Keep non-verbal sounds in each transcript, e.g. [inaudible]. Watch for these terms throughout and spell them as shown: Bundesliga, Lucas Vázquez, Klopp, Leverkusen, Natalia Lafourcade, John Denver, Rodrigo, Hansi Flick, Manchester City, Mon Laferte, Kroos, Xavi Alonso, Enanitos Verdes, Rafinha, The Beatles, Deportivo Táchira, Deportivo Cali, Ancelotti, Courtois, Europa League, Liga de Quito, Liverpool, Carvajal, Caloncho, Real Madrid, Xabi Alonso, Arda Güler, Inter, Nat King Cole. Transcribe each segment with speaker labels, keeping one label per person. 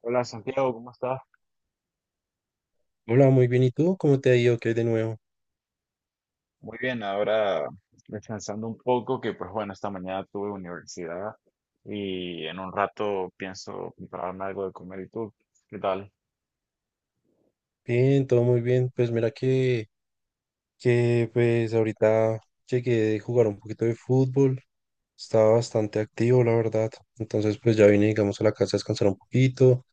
Speaker 1: Hola Santiago, ¿cómo estás?
Speaker 2: Hola, muy bien. ¿Y tú? ¿Cómo te ha ido? ¿Qué hay de nuevo?
Speaker 1: Muy bien, ahora descansando un poco, que pues bueno, esta mañana tuve universidad y en un rato pienso prepararme algo de comer. ¿Y tú? ¿Qué tal?
Speaker 2: Bien, todo muy bien. Pues mira que pues ahorita llegué de jugar un poquito de fútbol. Estaba bastante activo, la verdad. Entonces pues ya vine, digamos, a la casa a descansar un poquito,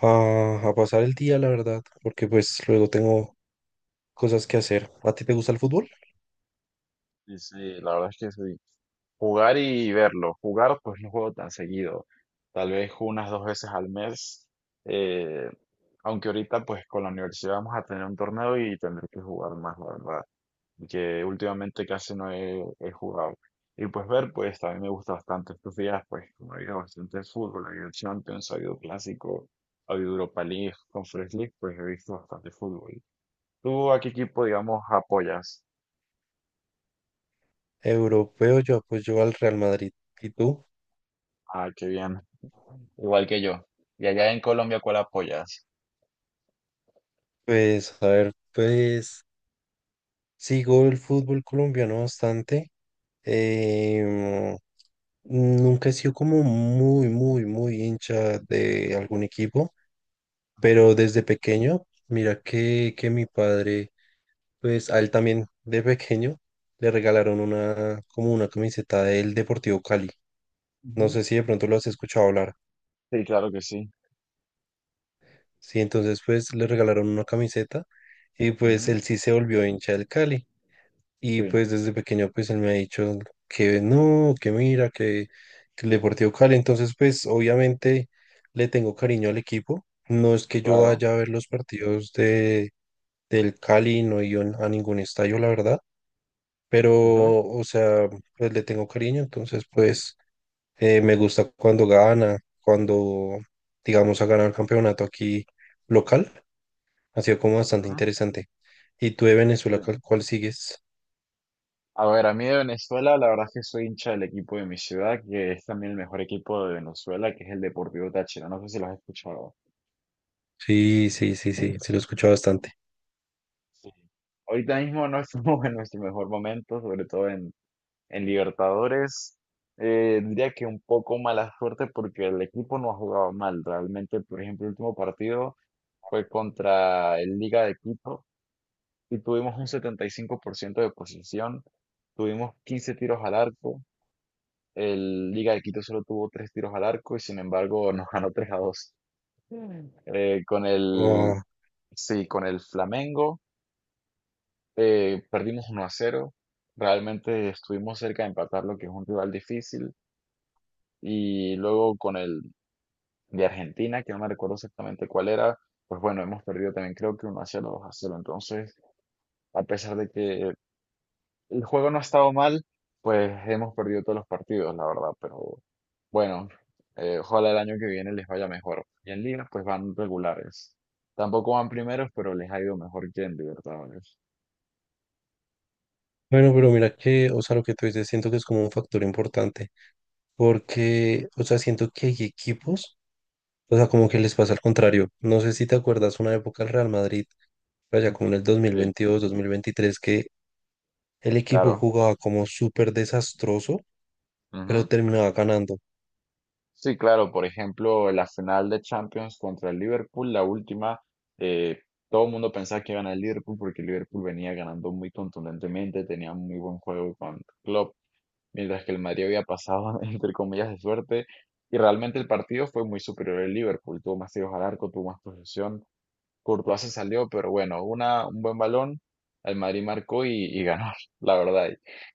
Speaker 2: a pasar el día, la verdad, porque pues luego tengo cosas que hacer. ¿A ti te gusta el fútbol?
Speaker 1: Sí, sí, la verdad es que sí. Jugar y verlo. Jugar, pues no juego tan seguido. Tal vez unas dos veces al mes. eh, Aunque ahorita, pues con la universidad vamos a tener un torneo y tendré que jugar más, la verdad. Que últimamente casi no he jugado. Y pues ver, pues también me gusta bastante estos días, pues como ha habido bastante fútbol, ha habido Champions, ha habido Clásico, ha habido Europa League, Conference League, pues he visto bastante fútbol. ¿Tú a qué equipo, digamos, apoyas?
Speaker 2: Europeo, yo pues yo al Real Madrid. ¿Y tú?
Speaker 1: Ah, qué bien. Igual que yo. ¿Y allá en Colombia cuál apoyas?
Speaker 2: Pues a ver, pues sigo el fútbol colombiano bastante. Em, Nunca he sido como muy, muy, muy hincha de algún equipo,
Speaker 1: Ujú,
Speaker 2: pero desde pequeño, mira que mi padre, pues a él también de pequeño le regalaron una, como una camiseta del Deportivo Cali. No
Speaker 1: ujú.
Speaker 2: sé si de pronto lo has escuchado hablar.
Speaker 1: Sí, claro que sí.
Speaker 2: Sí, entonces pues le regalaron una camiseta y pues
Speaker 1: Ujú.
Speaker 2: él sí se volvió hincha del Cali.
Speaker 1: Sí,
Speaker 2: Y pues desde pequeño pues él me ha dicho que no, que mira, que el Deportivo Cali. Entonces pues obviamente le tengo cariño al equipo. No es que yo
Speaker 1: claro.
Speaker 2: vaya a ver los partidos del Cali, no he ido a ningún estadio, la verdad. Pero,
Speaker 1: Ujú,
Speaker 2: o sea, pues le tengo cariño. Entonces pues me gusta cuando gana, cuando digamos ha ganado el campeonato aquí local. Ha sido como bastante
Speaker 1: ujú,
Speaker 2: interesante. ¿Y tú de
Speaker 1: sí.
Speaker 2: Venezuela, cuál sigues?
Speaker 1: A ver, a mí de Venezuela, la verdad es que soy hincha del equipo de mi ciudad, que es también el mejor equipo de Venezuela, que es el Deportivo Táchira. No sé si lo has escuchado.
Speaker 2: Sí, sí, sí, sí, sí lo he escuchado bastante.
Speaker 1: Sí. Ahorita mismo no estamos [laughs] en nuestro mejor momento, sobre todo en Libertadores. Diría que un poco mala suerte porque el equipo no ha jugado mal. Realmente, por ejemplo, el último partido fue contra el Liga de Quito y tuvimos un 75% de posesión. Tuvimos 15 tiros al arco. El Liga de Quito solo tuvo 3 tiros al arco y sin embargo [laughs] nos ganó 3 a dos. Eh, con el,
Speaker 2: Oh.
Speaker 1: sí, con el Flamengo perdimos 1-0. Realmente estuvimos cerca de empatar lo que es un rival difícil. Y luego con el de Argentina, que no me recuerdo exactamente cuál era, pues bueno, hemos perdido también creo que uno a 0, 2-0. Entonces, a pesar de que el juego no ha estado mal, pues hemos perdido todos los partidos, la verdad. Pero bueno, ojalá el año que viene les vaya mejor. Y en Liga, pues van regulares. Tampoco van primeros, pero les ha ido mejor que en Libertadores.
Speaker 2: Bueno, pero mira que, o sea, lo que tú dices, siento que es como un factor importante, porque, o sea, siento que hay equipos, o sea, como que les pasa al contrario. No sé si te acuerdas una época del Real Madrid, allá como en el
Speaker 1: Ujú.
Speaker 2: dos mil
Speaker 1: Sí,
Speaker 2: veintidós 2023 que el equipo
Speaker 1: claro.
Speaker 2: jugaba como súper desastroso, pero
Speaker 1: Ujú.
Speaker 2: terminaba ganando.
Speaker 1: Sí, claro, por ejemplo, la final de Champions contra el Liverpool, la última. eh, Todo el mundo pensaba que iba a ganar el Liverpool porque el Liverpool venía ganando muy contundentemente, tenía muy buen juego con Klopp, mientras que el Madrid había pasado, [laughs] entre comillas, de suerte, y realmente el partido fue muy superior al Liverpool, tuvo más tiros al arco, tuvo más posesión, Courtois se salió, pero bueno, un buen balón, el Madrid marcó y ganó, [laughs] la verdad,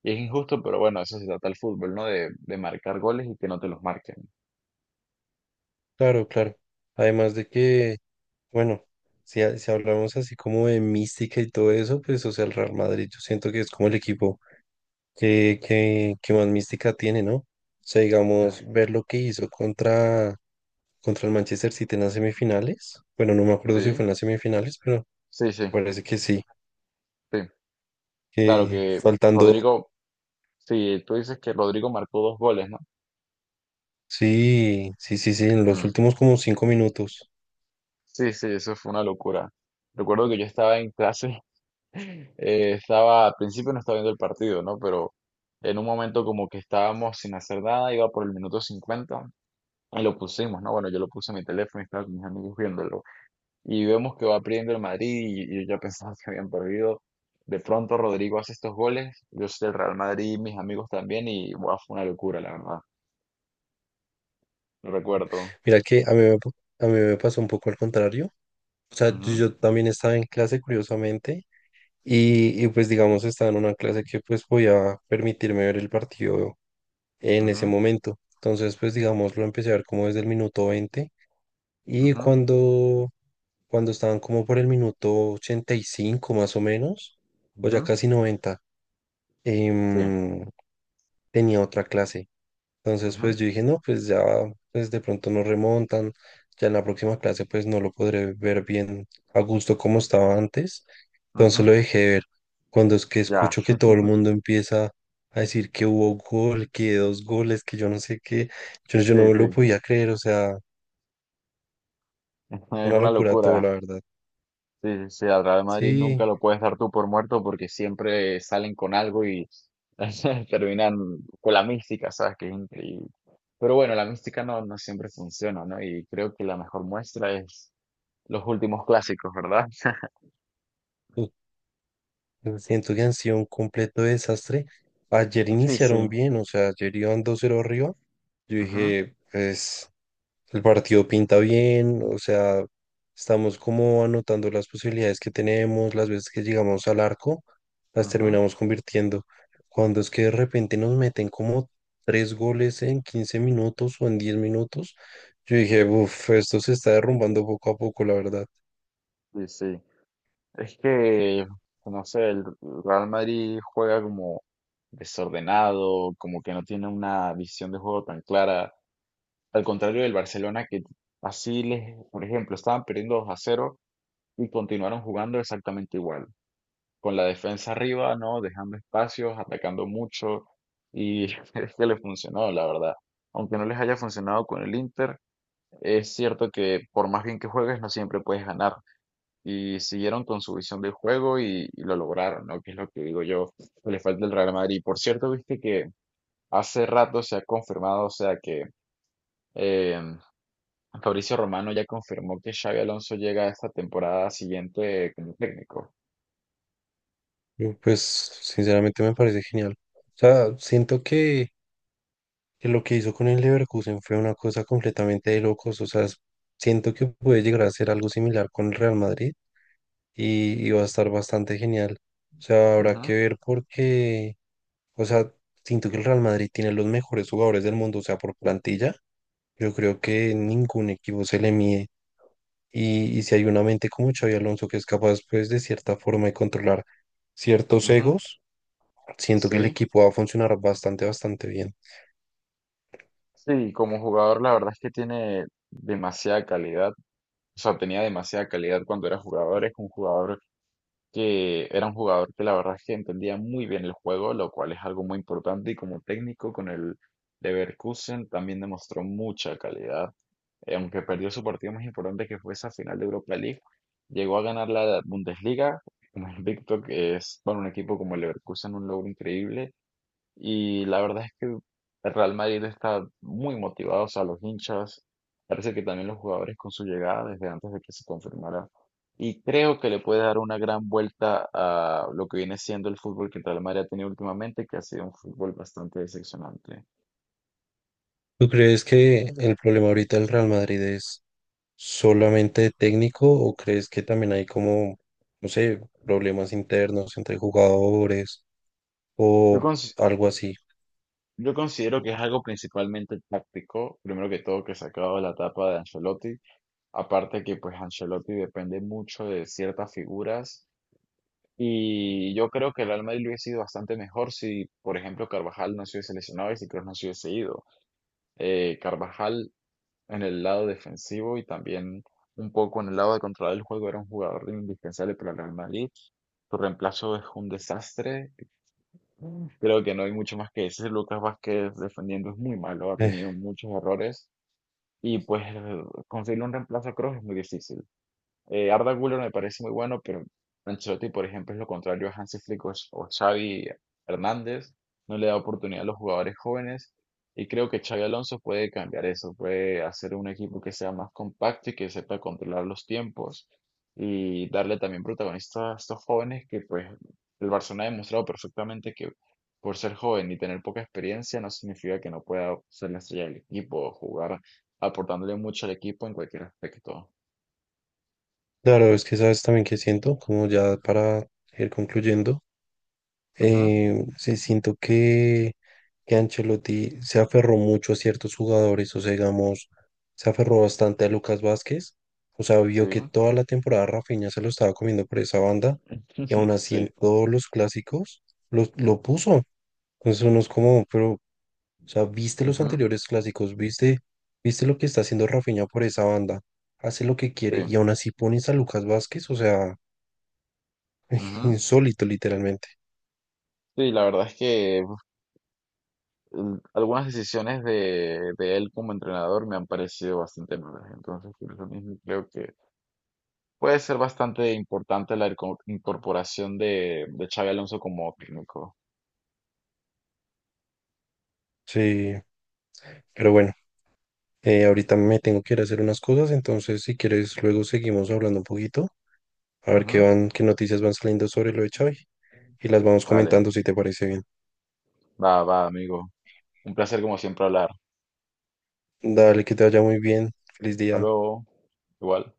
Speaker 1: y es injusto, pero bueno, eso se trata el fútbol, ¿no? De marcar goles y que no te los marquen.
Speaker 2: Claro, claro. Además de que, bueno, si, si hablamos así como de mística y todo eso, pues, o sea, el Real Madrid, yo siento que es como el equipo qué más mística tiene, ¿no? O sea, digamos, ver lo que hizo contra el Manchester City en las semifinales. Bueno, no me acuerdo si fue
Speaker 1: Sí,
Speaker 2: en las semifinales, pero
Speaker 1: sí, sí,
Speaker 2: me parece que sí.
Speaker 1: sí. Claro
Speaker 2: Que
Speaker 1: que
Speaker 2: faltando,
Speaker 1: Rodrigo, sí, tú dices que Rodrigo marcó dos goles, ¿no?
Speaker 2: sí, sí, sí, sí, en los
Speaker 1: Mm.
Speaker 2: últimos como 5 minutos.
Speaker 1: Sí, sí, eso fue una locura. Recuerdo que yo estaba en clase, [laughs] al principio no estaba viendo el partido, ¿no? Pero en un momento como que estábamos sin hacer nada, iba por el minuto 50 y lo pusimos, ¿no? Bueno, yo lo puse en mi teléfono y estaba con mis amigos viéndolo. Y vemos que va perdiendo el Madrid y yo ya pensaba que habían perdido. De pronto Rodrigo hace estos goles, yo soy del Real Madrid, mis amigos también y wow, fue una locura, la verdad. Lo recuerdo.
Speaker 2: Mira que a mí me pasó un poco al contrario. O sea, yo
Speaker 1: Ujú,
Speaker 2: yo también estaba en clase, curiosamente, y pues digamos estaba en una clase que pues podía permitirme ver el partido en ese
Speaker 1: ujú,
Speaker 2: momento. Entonces pues digamos lo empecé a ver como desde el minuto 20 y
Speaker 1: ujú,
Speaker 2: cuando estaban como por el minuto 85 más o menos, o ya
Speaker 1: ujú.
Speaker 2: casi 90,
Speaker 1: Sí.
Speaker 2: em, tenía otra clase. Entonces,
Speaker 1: Ujú,
Speaker 2: pues yo dije, no, pues ya, pues de pronto no remontan, ya en la próxima clase pues no lo podré ver bien a gusto como estaba antes.
Speaker 1: ujú.
Speaker 2: Entonces lo dejé de ver. Cuando es que
Speaker 1: Ya,
Speaker 2: escucho que todo el mundo empieza a decir que hubo gol, que dos goles, que yo no sé qué, yo
Speaker 1: sí,
Speaker 2: no me lo
Speaker 1: sí.
Speaker 2: podía creer, o sea,
Speaker 1: [laughs] Es
Speaker 2: una
Speaker 1: una
Speaker 2: locura todo,
Speaker 1: locura.
Speaker 2: la verdad.
Speaker 1: Sí, sí, sí, al Real Madrid
Speaker 2: Sí,
Speaker 1: nunca lo puedes dar tú por muerto porque siempre salen con algo y [laughs] terminan con la mística, ¿sabes? Que es increíble. Pero bueno, la mística no, no siempre funciona, ¿no? Y creo que la mejor muestra es los últimos clásicos, ¿verdad? [laughs]
Speaker 2: u- siento que han sido un completo desastre. Ayer
Speaker 1: Sí,
Speaker 2: iniciaron
Speaker 1: sí.
Speaker 2: bien, o sea, ayer iban 2-0 arriba. Yo
Speaker 1: Ajá,
Speaker 2: dije, pues... El partido pinta bien, o sea, estamos como anotando las posibilidades que tenemos, las veces que llegamos al arco, las
Speaker 1: ajá.
Speaker 2: terminamos convirtiendo. Cuando es que de repente nos meten como tres goles en 15 minutos o en 10 minutos, yo dije, uff, esto se está derrumbando poco a poco, la verdad.
Speaker 1: Sí, sí. Es que, no sé, el Real Madrid juega como desordenado, como que no tiene una visión de juego tan clara. Al contrario del Barcelona, que por ejemplo, estaban perdiendo 2-0 y continuaron jugando exactamente igual, con la defensa arriba, ¿no? Dejando espacios, atacando mucho y [laughs] es que les funcionó, la verdad. Aunque no les haya funcionado con el Inter, es cierto que por más bien que juegues, no siempre puedes ganar. Y siguieron con su visión del juego y lo lograron, ¿no? Que es lo que digo yo, que le falta el Real Madrid. Por cierto, viste que hace rato se ha confirmado, o sea, que em, Fabricio Romano ya confirmó que Xabi Alonso llega esta temporada siguiente como técnico.
Speaker 2: Pues sinceramente me parece genial. O sea, siento que lo que hizo con el Leverkusen fue una cosa completamente de locos, o sea, siento que puede llegar a ser algo similar con el Real Madrid y va a estar bastante genial. O sea, habrá
Speaker 1: Ujú,
Speaker 2: que ver porque, o sea, siento que el Real Madrid tiene los mejores jugadores del mundo, o sea, por plantilla, yo creo que ningún equipo se le mide. Y si hay una mente como Xavi Alonso que es capaz, pues, de cierta forma de controlar ciertos
Speaker 1: ujú.
Speaker 2: egos, siento que el
Speaker 1: Sí,
Speaker 2: equipo va a funcionar bastante, bastante bien.
Speaker 1: sí, como jugador la verdad es que tiene demasiada calidad, o sea, tenía demasiada calidad cuando era jugador, es un jugador que era un jugador que la verdad es que entendía muy bien el juego, lo cual es algo muy importante y como técnico con el Leverkusen también demostró mucha calidad. Aunque perdió su partido más importante que fue esa final de Europa League, llegó a ganar la Bundesliga, como [laughs] invicto, que es para un equipo como el Leverkusen un logro increíble, y la verdad es que el Real Madrid está muy motivado, o sea, los hinchas, parece que también los jugadores con su llegada desde antes de que se confirmara, y creo que le puede dar una gran vuelta a lo que viene siendo el fútbol que el Real Madrid ha tenido últimamente, que ha sido un fútbol bastante decepcionante.
Speaker 2: ¿Tú crees que el problema ahorita del Real Madrid es solamente de técnico o crees que también hay como, no sé, problemas internos entre jugadores
Speaker 1: Yo,
Speaker 2: o
Speaker 1: cons-
Speaker 2: algo así?
Speaker 1: Yo considero que es algo principalmente táctico, primero que todo que se ha acabado la etapa de Ancelotti, aparte que pues Ancelotti depende mucho de ciertas figuras y yo creo que el Real Madrid hubiese sido bastante mejor si, por ejemplo, Carvajal no se hubiese lesionado y si Kroos no se hubiese ido. Carvajal en el lado defensivo y también un poco en el lado de controlar el juego era un jugador indispensable para el Real Madrid. Su reemplazo es un desastre. Creo que no hay mucho más que decir. Lucas Vázquez defendiendo es muy malo, ha tenido
Speaker 2: Eh,
Speaker 1: muchos errores y pues conseguir un reemplazo creo que es muy difícil. Arda Güler me parece muy bueno, pero Ancelotti, por ejemplo, es lo contrario a Hansi Flick o Xavi Hernández. No le da oportunidad a los jugadores jóvenes. Y creo que Xavi Alonso puede cambiar eso, puede hacer un equipo que sea más compacto y que sepa controlar los tiempos y darle también protagonista a estos jóvenes que pues el Barcelona ha demostrado perfectamente que por ser joven y tener poca experiencia no significa que no pueda ser la estrella del equipo o jugar aportándole mucho al equipo en cualquier aspecto.
Speaker 2: claro, es que sabes también que siento, como ya para ir concluyendo.
Speaker 1: Ujú.
Speaker 2: Sí, siento que Ancelotti se aferró mucho a ciertos jugadores, o sea, digamos, se aferró bastante a Lucas Vázquez, o sea, vio
Speaker 1: Sí,
Speaker 2: que toda la temporada Rafinha se lo estaba comiendo por esa banda y
Speaker 1: [laughs]
Speaker 2: aún así
Speaker 1: sí,
Speaker 2: en todos los clásicos lo puso. Entonces uno es como, pero, o sea, viste los
Speaker 1: ujú,
Speaker 2: anteriores clásicos, viste lo que está haciendo Rafinha por esa banda, hace lo que
Speaker 1: sí,
Speaker 2: quiere y aún así pones a Lucas Vázquez, o sea, [laughs]
Speaker 1: ujú.
Speaker 2: insólito literalmente.
Speaker 1: Sí, la verdad es que uf, algunas decisiones de él como entrenador me han parecido bastante malas. Entonces, por eso mismo creo que puede ser bastante importante la incorporación de Xabi Alonso como técnico.
Speaker 2: Sí, pero bueno. Ahorita me tengo que ir a hacer unas cosas, entonces si quieres luego seguimos hablando un poquito, a ver qué
Speaker 1: Ujú.
Speaker 2: van, qué noticias van saliendo sobre lo de Xavi y las vamos
Speaker 1: Vale,
Speaker 2: comentando si te parece bien.
Speaker 1: va, va, amigo. Un placer como siempre hablar.
Speaker 2: Dale, que te vaya muy bien. Feliz
Speaker 1: Hasta
Speaker 2: día.
Speaker 1: luego. Igual.